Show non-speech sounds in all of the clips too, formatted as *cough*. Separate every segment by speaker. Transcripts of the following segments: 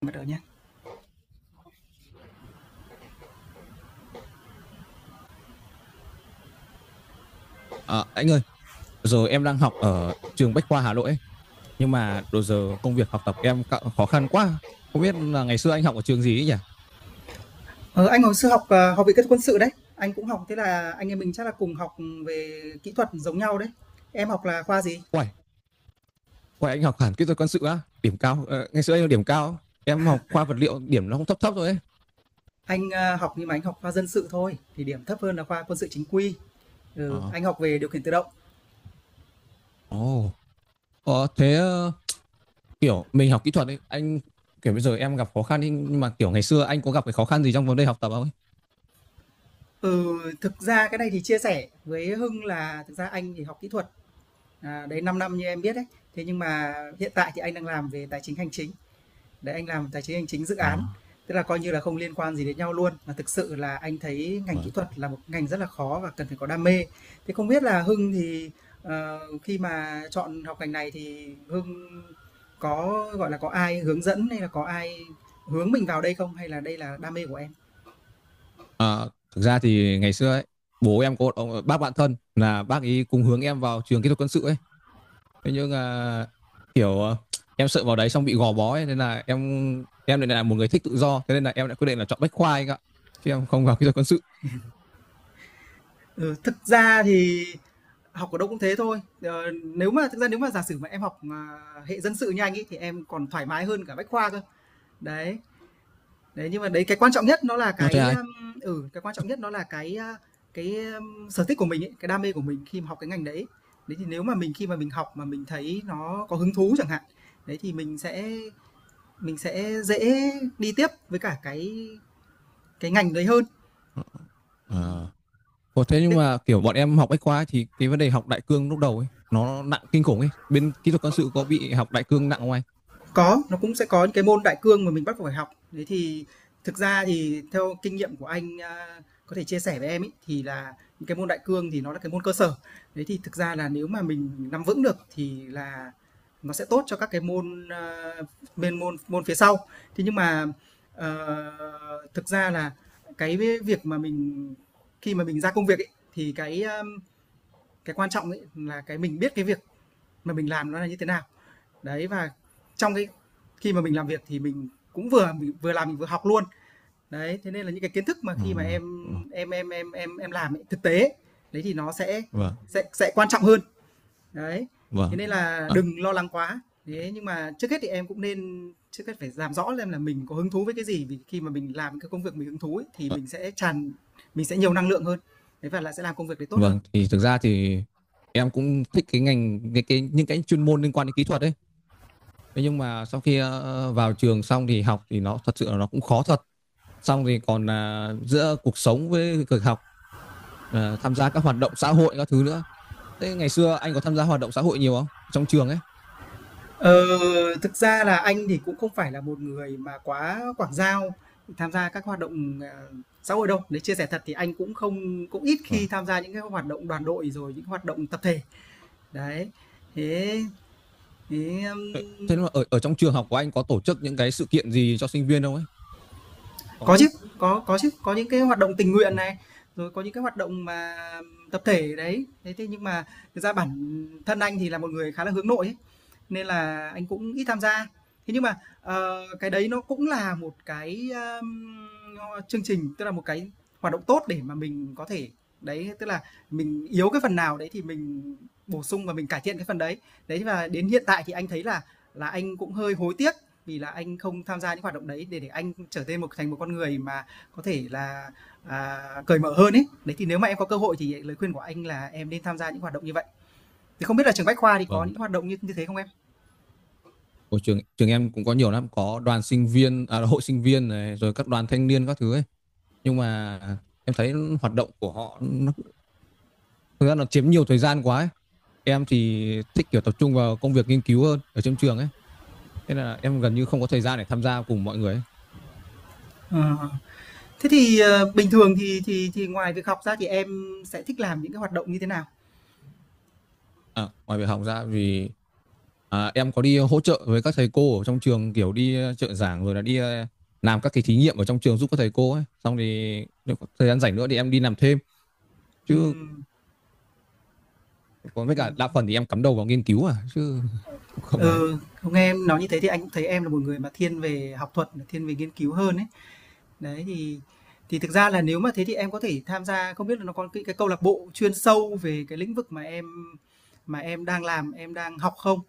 Speaker 1: Bắt đầu nhá.
Speaker 2: À, anh ơi, giờ em đang học ở trường Bách khoa Hà Nội ấy, nhưng mà đồ giờ công việc học tập em khó khăn quá. Không biết là ngày xưa anh học ở trường gì ấy nhỉ?
Speaker 1: Ờ, anh hồi xưa học, học Viện Kỹ thuật Quân sự đấy, anh cũng học thế là anh em mình chắc là cùng học về kỹ thuật giống nhau đấy. Em học là khoa gì?
Speaker 2: Quay, quay anh học hẳn kỹ thuật quân sự á, điểm cao. Ờ, Ngày xưa anh điểm cao, em học khoa vật liệu điểm nó cũng thấp thấp rồi ấy.
Speaker 1: Anh, học nhưng mà anh học khoa dân sự thôi, thì điểm thấp hơn là khoa quân sự chính quy. Ừ,
Speaker 2: Ờ,
Speaker 1: anh học về điều khiển tự động.
Speaker 2: ồ, thế kiểu mình học kỹ thuật ấy, anh kiểu bây giờ em gặp khó khăn ấy, nhưng mà kiểu ngày xưa anh có gặp cái khó khăn gì trong vấn đề học tập không ấy?
Speaker 1: Ừ, thực ra cái này thì chia sẻ với Hưng là thực ra anh thì học kỹ thuật, đấy 5 năm như em biết đấy. Thế nhưng mà hiện tại thì anh đang làm về tài chính hành chính. Đấy, anh làm tài chính hành chính dự
Speaker 2: Ờ,
Speaker 1: án, tức là coi như là không liên quan gì đến nhau luôn, mà thực sự là anh thấy ngành kỹ
Speaker 2: vâng.
Speaker 1: thuật là một ngành rất là khó và cần phải có đam mê. Thế không biết là Hưng thì, khi mà chọn học ngành này thì Hưng có, gọi là, có ai hướng dẫn hay là có ai hướng mình vào đây không? Hay là đây là đam mê của em?
Speaker 2: Ờ, Thực ra thì ngày xưa ấy, bố em có một ông bác bạn thân là bác ấy cùng hướng em vào trường kỹ thuật quân sự ấy. Thế nhưng à, kiểu à, em sợ vào đấy xong bị gò bó ấy, nên là em lại là một người thích tự do thế nên là em đã quyết định là chọn Bách Khoa anh ạ chứ em không vào *laughs* kỹ thuật quân sự.
Speaker 1: Ừ, thực ra thì học ở đâu cũng thế thôi. Ờ, Nếu mà thực ra nếu mà giả sử mà em học, hệ dân sự như anh ấy thì em còn thoải mái hơn cả Bách khoa cơ. Đấy, Đấy, nhưng mà đấy cái quan trọng nhất nó là
Speaker 2: Nó thế
Speaker 1: cái,
Speaker 2: ai.
Speaker 1: cái quan trọng nhất nó là cái, sở thích của mình ấy, cái đam mê của mình khi mà học cái ngành đấy. Đấy, thì nếu mà mình khi mà mình học mà mình thấy nó có hứng thú chẳng hạn, đấy, thì mình sẽ dễ đi tiếp với cả cái ngành đấy hơn.
Speaker 2: Ờ.
Speaker 1: Ừm,
Speaker 2: Ủa, thế nhưng
Speaker 1: thế
Speaker 2: mà kiểu bọn em học Bách Khoa ấy, thì cái vấn đề học đại cương lúc đầu ấy nó nặng kinh khủng ấy bên kỹ thuật quân sự có bị học đại cương nặng không anh?
Speaker 1: Có, nó cũng sẽ có những cái môn đại cương mà mình bắt buộc phải học. Đấy thì thực ra thì theo kinh nghiệm của anh, có thể chia sẻ với em ấy, thì là những cái môn đại cương thì nó là cái môn cơ sở. Đấy thì thực ra là nếu mà mình nắm vững được thì là nó sẽ tốt cho các cái môn, bên môn môn phía sau. Thế nhưng mà, thực ra là cái việc mà mình khi mà mình ra công việc ấy, thì cái, cái quan trọng ấy là cái mình biết cái việc mà mình làm nó là như thế nào. Đấy và trong cái khi mà mình làm việc thì mình cũng vừa vừa làm mình vừa học luôn. Đấy, thế nên là những cái kiến thức mà
Speaker 2: Ờ,
Speaker 1: khi mà em
Speaker 2: ờ,
Speaker 1: em em em em em làm ấy, thực tế đấy thì nó sẽ
Speaker 2: vâng
Speaker 1: sẽ sẽ quan trọng hơn. Đấy. Thế
Speaker 2: vâng.
Speaker 1: nên là
Speaker 2: À,
Speaker 1: đừng lo lắng quá. Thế nhưng mà trước hết thì em cũng nên trước hết phải làm rõ lên là mình có hứng thú với cái gì vì khi mà mình làm cái công việc mình hứng thú ấy, thì
Speaker 2: à,
Speaker 1: mình sẽ nhiều năng lượng hơn. Đấy và là sẽ làm công việc đấy tốt hơn.
Speaker 2: vâng. Thì thực ra thì em cũng thích cái ngành cái những cái chuyên môn liên quan đến kỹ thuật ấy. Thế nhưng mà sau khi vào trường xong thì học thì nó thật sự là nó cũng khó thật. Xong thì còn là giữa cuộc sống với việc học tham gia các hoạt động xã hội các thứ nữa. Thế ngày xưa anh có tham gia hoạt động xã hội nhiều không? Trong trường ấy.
Speaker 1: Ờ, Thực ra là anh thì cũng không phải là một người mà quá quảng giao, tham gia các hoạt động, xã hội đâu. Nếu chia sẻ thật thì anh cũng không cũng ít khi
Speaker 2: Vâng.
Speaker 1: tham gia những cái hoạt động đoàn đội, rồi những hoạt động tập thể. Đấy, thế thế,
Speaker 2: Thế thế mà ở ở trong trường học của anh có tổ chức những cái sự kiện gì cho sinh viên không ấy? Có
Speaker 1: Có
Speaker 2: chứ.
Speaker 1: chứ, có chứ, có những cái hoạt động tình nguyện
Speaker 2: Ừ.
Speaker 1: này, rồi có những cái hoạt động mà tập thể đấy. Thế thế nhưng mà thực ra bản thân anh thì là một người khá là hướng nội ấy, nên là anh cũng ít tham gia. Thế nhưng mà, cái đấy nó cũng là một cái, chương trình, tức là một cái hoạt động tốt để mà mình có thể đấy, tức là mình yếu cái phần nào đấy thì mình bổ sung và mình cải thiện cái phần đấy. Đấy, và đến hiện tại thì anh thấy là anh cũng hơi hối tiếc vì là anh không tham gia những hoạt động đấy để anh trở nên một thành một con người mà có thể là cởi mở hơn ấy, đấy thì nếu mà em có cơ hội thì lời khuyên của anh là em nên tham gia những hoạt động như vậy thì không biết là trường bách khoa thì có
Speaker 2: Vâng.
Speaker 1: những hoạt động như như thế không em?
Speaker 2: Ở trường trường em cũng có nhiều lắm, có đoàn sinh viên, à, hội sinh viên này, rồi các đoàn thanh niên các thứ ấy. Nhưng mà em thấy hoạt động của họ nó thực ra nó chiếm nhiều thời gian quá ấy. Em thì thích kiểu tập trung vào công việc nghiên cứu hơn ở trong trường ấy. Thế là em gần như không có thời gian để tham gia cùng mọi người ấy.
Speaker 1: à. Thế thì bình thường thì ngoài việc học ra thì em sẽ thích làm những cái hoạt động như thế nào?
Speaker 2: À, ngoài việc học ra vì em có đi hỗ trợ với các thầy cô ở trong trường kiểu đi trợ giảng rồi là đi làm các cái thí nghiệm ở trong trường giúp các thầy cô ấy. Xong thì nếu có thời gian rảnh nữa thì em đi làm thêm. Chứ
Speaker 1: Ừm,
Speaker 2: còn với
Speaker 1: ừ.
Speaker 2: cả đa phần thì em cắm đầu vào nghiên cứu à chứ *laughs* cũng không ấy.
Speaker 1: Ừ, không, nghe em nói như thế thì anh cũng thấy em là một người mà thiên về học thuật thiên về nghiên cứu hơn ấy. Đấy, thì thực ra là nếu mà thế thì em có thể tham gia không biết là nó có cái câu lạc bộ chuyên sâu về cái lĩnh vực mà em đang làm, em đang học không?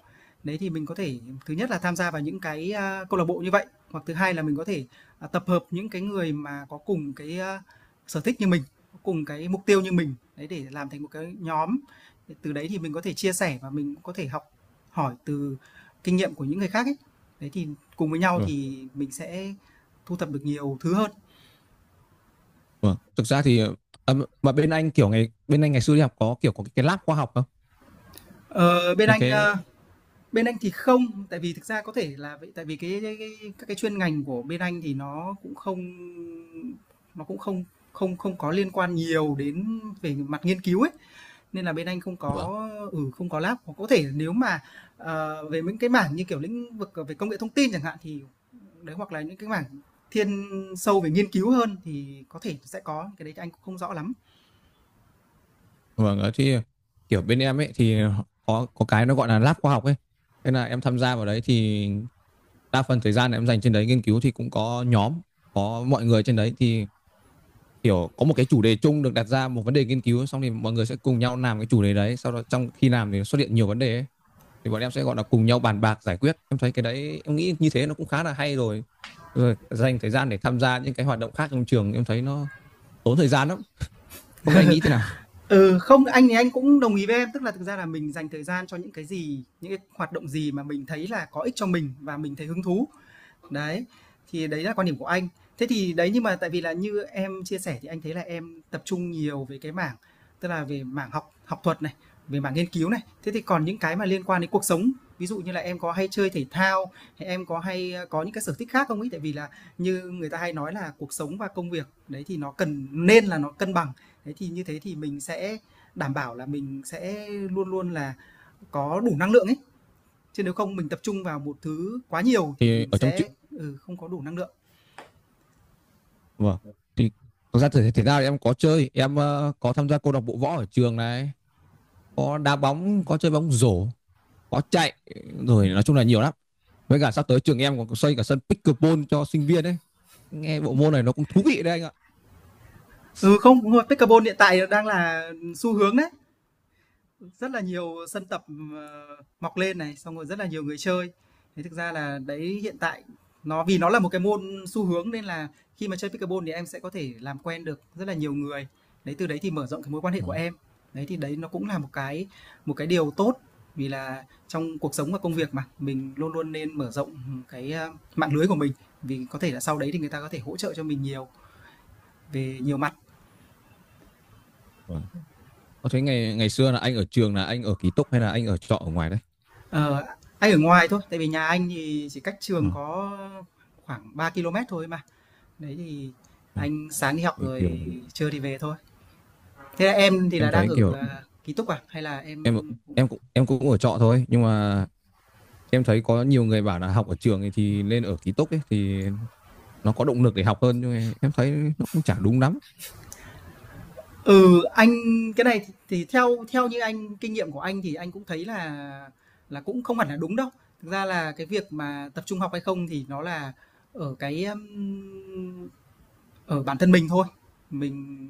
Speaker 1: Đấy, thì mình có thể thứ nhất là tham gia vào những cái, câu lạc bộ như vậy, hoặc thứ hai là mình có thể, tập hợp những cái người mà có cùng cái, sở thích như mình, có cùng cái mục tiêu như mình, đấy, để làm thành một cái nhóm. Từ đấy thì mình có thể chia sẻ và mình cũng có thể học hỏi từ kinh nghiệm của những người khác ấy. Đấy, thì cùng với nhau
Speaker 2: Ừ.
Speaker 1: thì mình sẽ thu thập được nhiều thứ hơn.
Speaker 2: Ừ. Thực ra thì ờ, mà bên anh kiểu ngày bên anh ngày xưa đi học có kiểu có cái lab khoa học không?
Speaker 1: Ờ, bên
Speaker 2: Những
Speaker 1: anh,
Speaker 2: cái.
Speaker 1: ơ, Bên anh thì không, tại vì thực ra có thể là vậy tại vì cái các cái chuyên ngành của bên anh thì nó cũng không không không có liên quan nhiều đến về mặt nghiên cứu ấy, nên là bên anh không có lab. Hoặc có thể nếu mà, về những cái mảng như, kiểu, lĩnh vực về công nghệ thông tin chẳng hạn thì đấy, hoặc là những cái mảng thiên sâu về nghiên cứu hơn thì có thể sẽ có, cái đấy thì anh cũng không rõ lắm.
Speaker 2: Vâng, ở thì kiểu bên em ấy thì có cái nó gọi là lab khoa học ấy. Thế là em tham gia vào đấy thì đa phần thời gian em dành trên đấy nghiên cứu thì cũng có nhóm, có mọi người trên đấy thì kiểu có một cái chủ đề chung được đặt ra một vấn đề nghiên cứu xong thì mọi người sẽ cùng nhau làm cái chủ đề đấy, sau đó trong khi làm thì xuất hiện nhiều vấn đề ấy. Thì bọn em sẽ gọi là cùng nhau bàn bạc giải quyết. Em thấy cái đấy em nghĩ như thế nó cũng khá là hay rồi. Rồi dành thời gian để tham gia những cái hoạt động khác trong trường em thấy nó tốn thời gian lắm. Không biết anh nghĩ thế nào?
Speaker 1: Ừ, không, anh thì anh cũng đồng ý với em, tức là thực ra là mình dành thời gian cho những cái gì, những cái hoạt động gì mà mình thấy là có ích cho mình và mình thấy hứng thú. Đấy, thì đấy là quan điểm của anh. Thế thì đấy, nhưng mà tại vì là như em chia sẻ thì anh thấy là em tập trung nhiều về cái mảng, tức là về mảng học học thuật này, về mảng nghiên cứu này. Thế thì còn những cái mà liên quan đến cuộc sống, ví dụ như là em có hay chơi thể thao, hay em có hay, có những cái sở thích khác không ấy? Tại vì là như người ta hay nói là cuộc sống và công việc, đấy, thì nó cần nên là nó cân bằng. Thế thì như thế thì mình sẽ đảm bảo là mình sẽ luôn luôn là có đủ năng lượng ấy, chứ nếu không mình tập trung vào một thứ quá nhiều thì
Speaker 2: Thì
Speaker 1: mình
Speaker 2: ở trong
Speaker 1: sẽ không có đủ năng lượng.
Speaker 2: Vâng. Thì thực ra thể thao thì em có chơi, em có tham gia câu lạc bộ võ ở trường này, có đá bóng, có chơi bóng rổ, có chạy, rồi nói chung là nhiều lắm. Với cả sắp tới trường em còn xây cả sân pickleball cho sinh viên đấy. Nghe bộ môn này nó cũng thú vị đấy anh ạ.
Speaker 1: Ừ, không, đúng rồi, pickleball hiện tại đang là xu hướng đấy. Rất là nhiều sân tập, ờ, mọc lên này, xong rồi rất là nhiều người chơi. Thế thực ra là đấy hiện tại nó vì nó là một cái môn xu hướng nên là khi mà chơi pickleball thì em sẽ có thể làm quen được rất là nhiều người. Đấy, từ đấy thì mở rộng cái mối quan hệ
Speaker 2: Ờ,
Speaker 1: của em. Đấy, thì đấy nó cũng là một cái điều tốt vì là trong cuộc sống và công việc mà, mình luôn luôn nên mở rộng, cái, mạng lưới của mình, vì có thể là sau đấy thì người ta có thể hỗ trợ cho mình nhiều về nhiều mặt.
Speaker 2: vâng. Có thấy ngày ngày xưa là anh ở trường là anh ở ký túc hay là anh ở trọ ở ngoài đấy?
Speaker 1: Ờ, anh ở ngoài thôi, tại vì nhà anh thì chỉ cách trường
Speaker 2: Ờ,
Speaker 1: có khoảng 3 ki-lô-mét thôi mà. Đấy thì
Speaker 2: ờ.
Speaker 1: anh sáng đi học
Speaker 2: Thì
Speaker 1: rồi
Speaker 2: kiểu
Speaker 1: trưa thì về thôi. Thế là em thì
Speaker 2: em
Speaker 1: là đang
Speaker 2: thấy
Speaker 1: ở,
Speaker 2: kiểu
Speaker 1: ký túc à? Hay là em
Speaker 2: em em cũng ở trọ thôi, nhưng mà em thấy có nhiều người bảo là học ở trường thì nên ở ký túc ấy thì nó có động lực để học hơn nhưng mà em thấy nó cũng chả đúng lắm.
Speaker 1: Ừ, anh cái này thì theo theo như anh kinh nghiệm của anh thì anh cũng thấy là cũng không hẳn là đúng đâu. Thực ra là cái việc mà tập trung học hay không thì nó là ở cái um, ở bản thân mình thôi, mình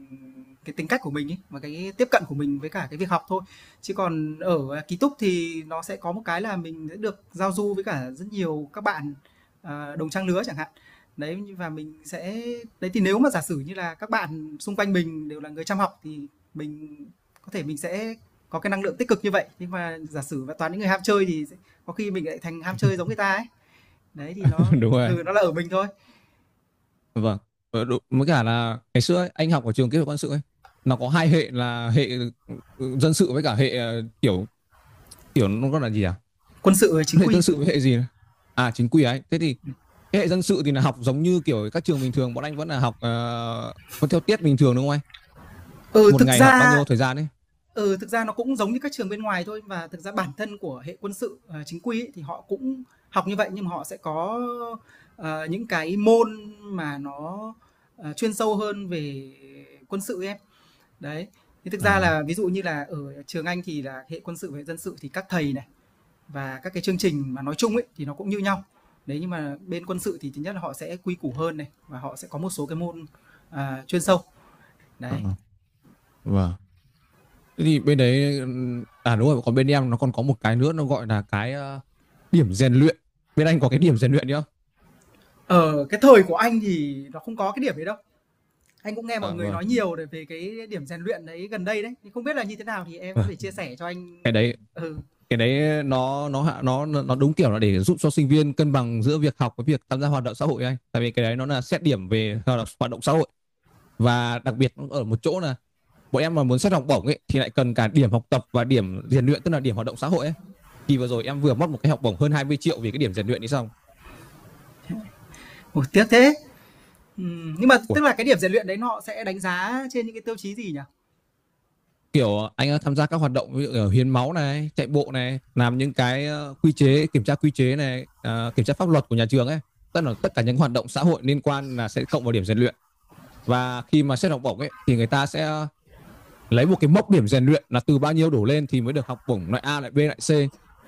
Speaker 1: cái tính cách của mình ấy, và cái tiếp cận của mình với cả cái việc học thôi. Chứ còn ở, ký túc thì nó sẽ có một cái là mình sẽ được giao du với cả rất nhiều các bạn, đồng trang lứa chẳng hạn. Đấy, và mình sẽ đấy, thì nếu mà giả sử như là các bạn xung quanh mình đều là người chăm học thì mình mình sẽ có cái năng lượng tích cực như vậy. Nhưng mà giả sử mà toàn những người ham chơi thì sẽ có khi mình lại thành ham chơi giống
Speaker 2: *laughs*
Speaker 1: người ta ấy. Đấy, thì
Speaker 2: Đúng rồi.
Speaker 1: nó là ở mình thôi.
Speaker 2: Vâng. Đúng. Mới cả là ngày xưa ấy, anh học ở trường kỹ thuật quân sự ấy nó có hai hệ là hệ dân sự với cả hệ kiểu kiểu nó gọi là gì à?
Speaker 1: Quân sự, chính
Speaker 2: Hệ
Speaker 1: quy.
Speaker 2: dân sự với hệ gì nhỉ? À chính quy ấy thế thì cái hệ dân sự thì là học giống như kiểu các trường bình thường bọn anh vẫn là học vẫn theo tiết bình thường đúng không anh,
Speaker 1: Ừ,
Speaker 2: một
Speaker 1: thực
Speaker 2: ngày học bao
Speaker 1: ra
Speaker 2: nhiêu thời gian ấy?
Speaker 1: Ừ, thực ra nó cũng giống như các trường bên ngoài thôi và thực ra bản thân của hệ quân sự, chính quy ấy, thì họ cũng học như vậy nhưng mà họ sẽ có, những cái môn mà nó, chuyên sâu hơn về quân sự ấy em. Đấy, thì thực ra
Speaker 2: À
Speaker 1: là ví dụ như là ở trường Anh thì là hệ quân sự và hệ dân sự thì các thầy này và các cái chương trình mà nói chung ấy thì nó cũng như nhau. Đấy, nhưng mà bên quân sự thì thứ nhất là họ sẽ quy củ hơn này và họ sẽ có một số cái môn, chuyên sâu.
Speaker 2: ờ,
Speaker 1: Đấy.
Speaker 2: ờ, vâng. Thế thì bên đấy à đúng rồi còn bên em nó còn có một cái nữa nó gọi là cái điểm rèn luyện, bên anh có cái điểm rèn luyện nữa.
Speaker 1: Ở cái thời của anh thì nó không có cái điểm đấy đâu. Anh cũng nghe mọi
Speaker 2: À
Speaker 1: người
Speaker 2: vâng
Speaker 1: nói nhiều để về cái điểm rèn luyện đấy gần đây đấy, thì không biết là như thế nào thì em
Speaker 2: vâng.
Speaker 1: có thể chia sẻ cho anh?
Speaker 2: cái đấy
Speaker 1: Ừ,
Speaker 2: cái đấy nó hạ nó đúng kiểu là để giúp cho sinh viên cân bằng giữa việc học với việc tham gia hoạt động xã hội ấy anh, tại vì cái đấy nó là xét điểm về hoạt động xã hội và đặc biệt ở một chỗ là bọn em mà muốn xét học bổng ấy thì lại cần cả điểm học tập và điểm rèn luyện tức là điểm hoạt động xã hội ấy, thì vừa rồi em vừa mất một cái học bổng hơn 20 triệu vì cái điểm rèn luyện đi xong.
Speaker 1: ôi, tiếc thế. Nhưng mà
Speaker 2: Ui,
Speaker 1: tức là cái điểm rèn luyện đấy nó sẽ đánh giá trên những cái tiêu chí gì nhỉ?
Speaker 2: kiểu anh đã tham gia các hoạt động ví dụ ở hiến máu này chạy bộ này làm những cái quy chế kiểm tra quy chế này kiểm tra pháp luật của nhà trường ấy, tức là tất cả những hoạt động xã hội liên quan là sẽ cộng vào điểm rèn luyện, và khi mà xét học bổng ấy thì người ta sẽ lấy một cái mốc điểm rèn luyện là từ bao nhiêu đổ lên thì mới được học bổng loại A lại B lại C,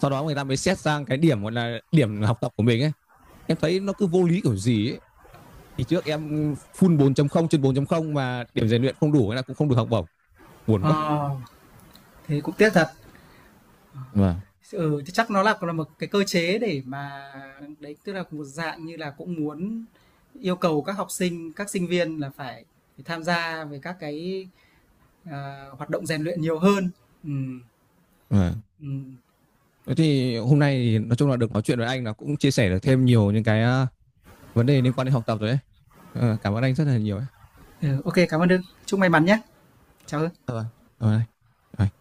Speaker 2: sau đó người ta mới xét sang cái điểm gọi là điểm học tập của mình ấy. Em thấy nó cứ vô lý kiểu gì ấy, thì trước em full 4.0 trên 4.0 mà điểm rèn luyện không đủ hay là cũng không được học bổng, buồn quá.
Speaker 1: Ờ, Thế cũng tiếc thật.
Speaker 2: Vâng,
Speaker 1: Ừ, thì chắc nó là một cái cơ chế để mà đấy, tức là một dạng như là cũng muốn yêu cầu các học sinh, các sinh viên là phải phải tham gia về các cái, hoạt động rèn luyện nhiều hơn. Ừm,
Speaker 2: vâng.
Speaker 1: ừm,
Speaker 2: Thế thì hôm nay thì nói chung là được nói chuyện với anh là cũng chia sẻ được thêm nhiều những cái à, vấn đề liên quan đến học tập rồi đấy. Cảm ơn anh rất là nhiều ấy.
Speaker 1: ừ, OK, cảm ơn Hưng. Chúc may mắn nhé. Chào Hưng.
Speaker 2: Ờ, Cảm anh. Rồi.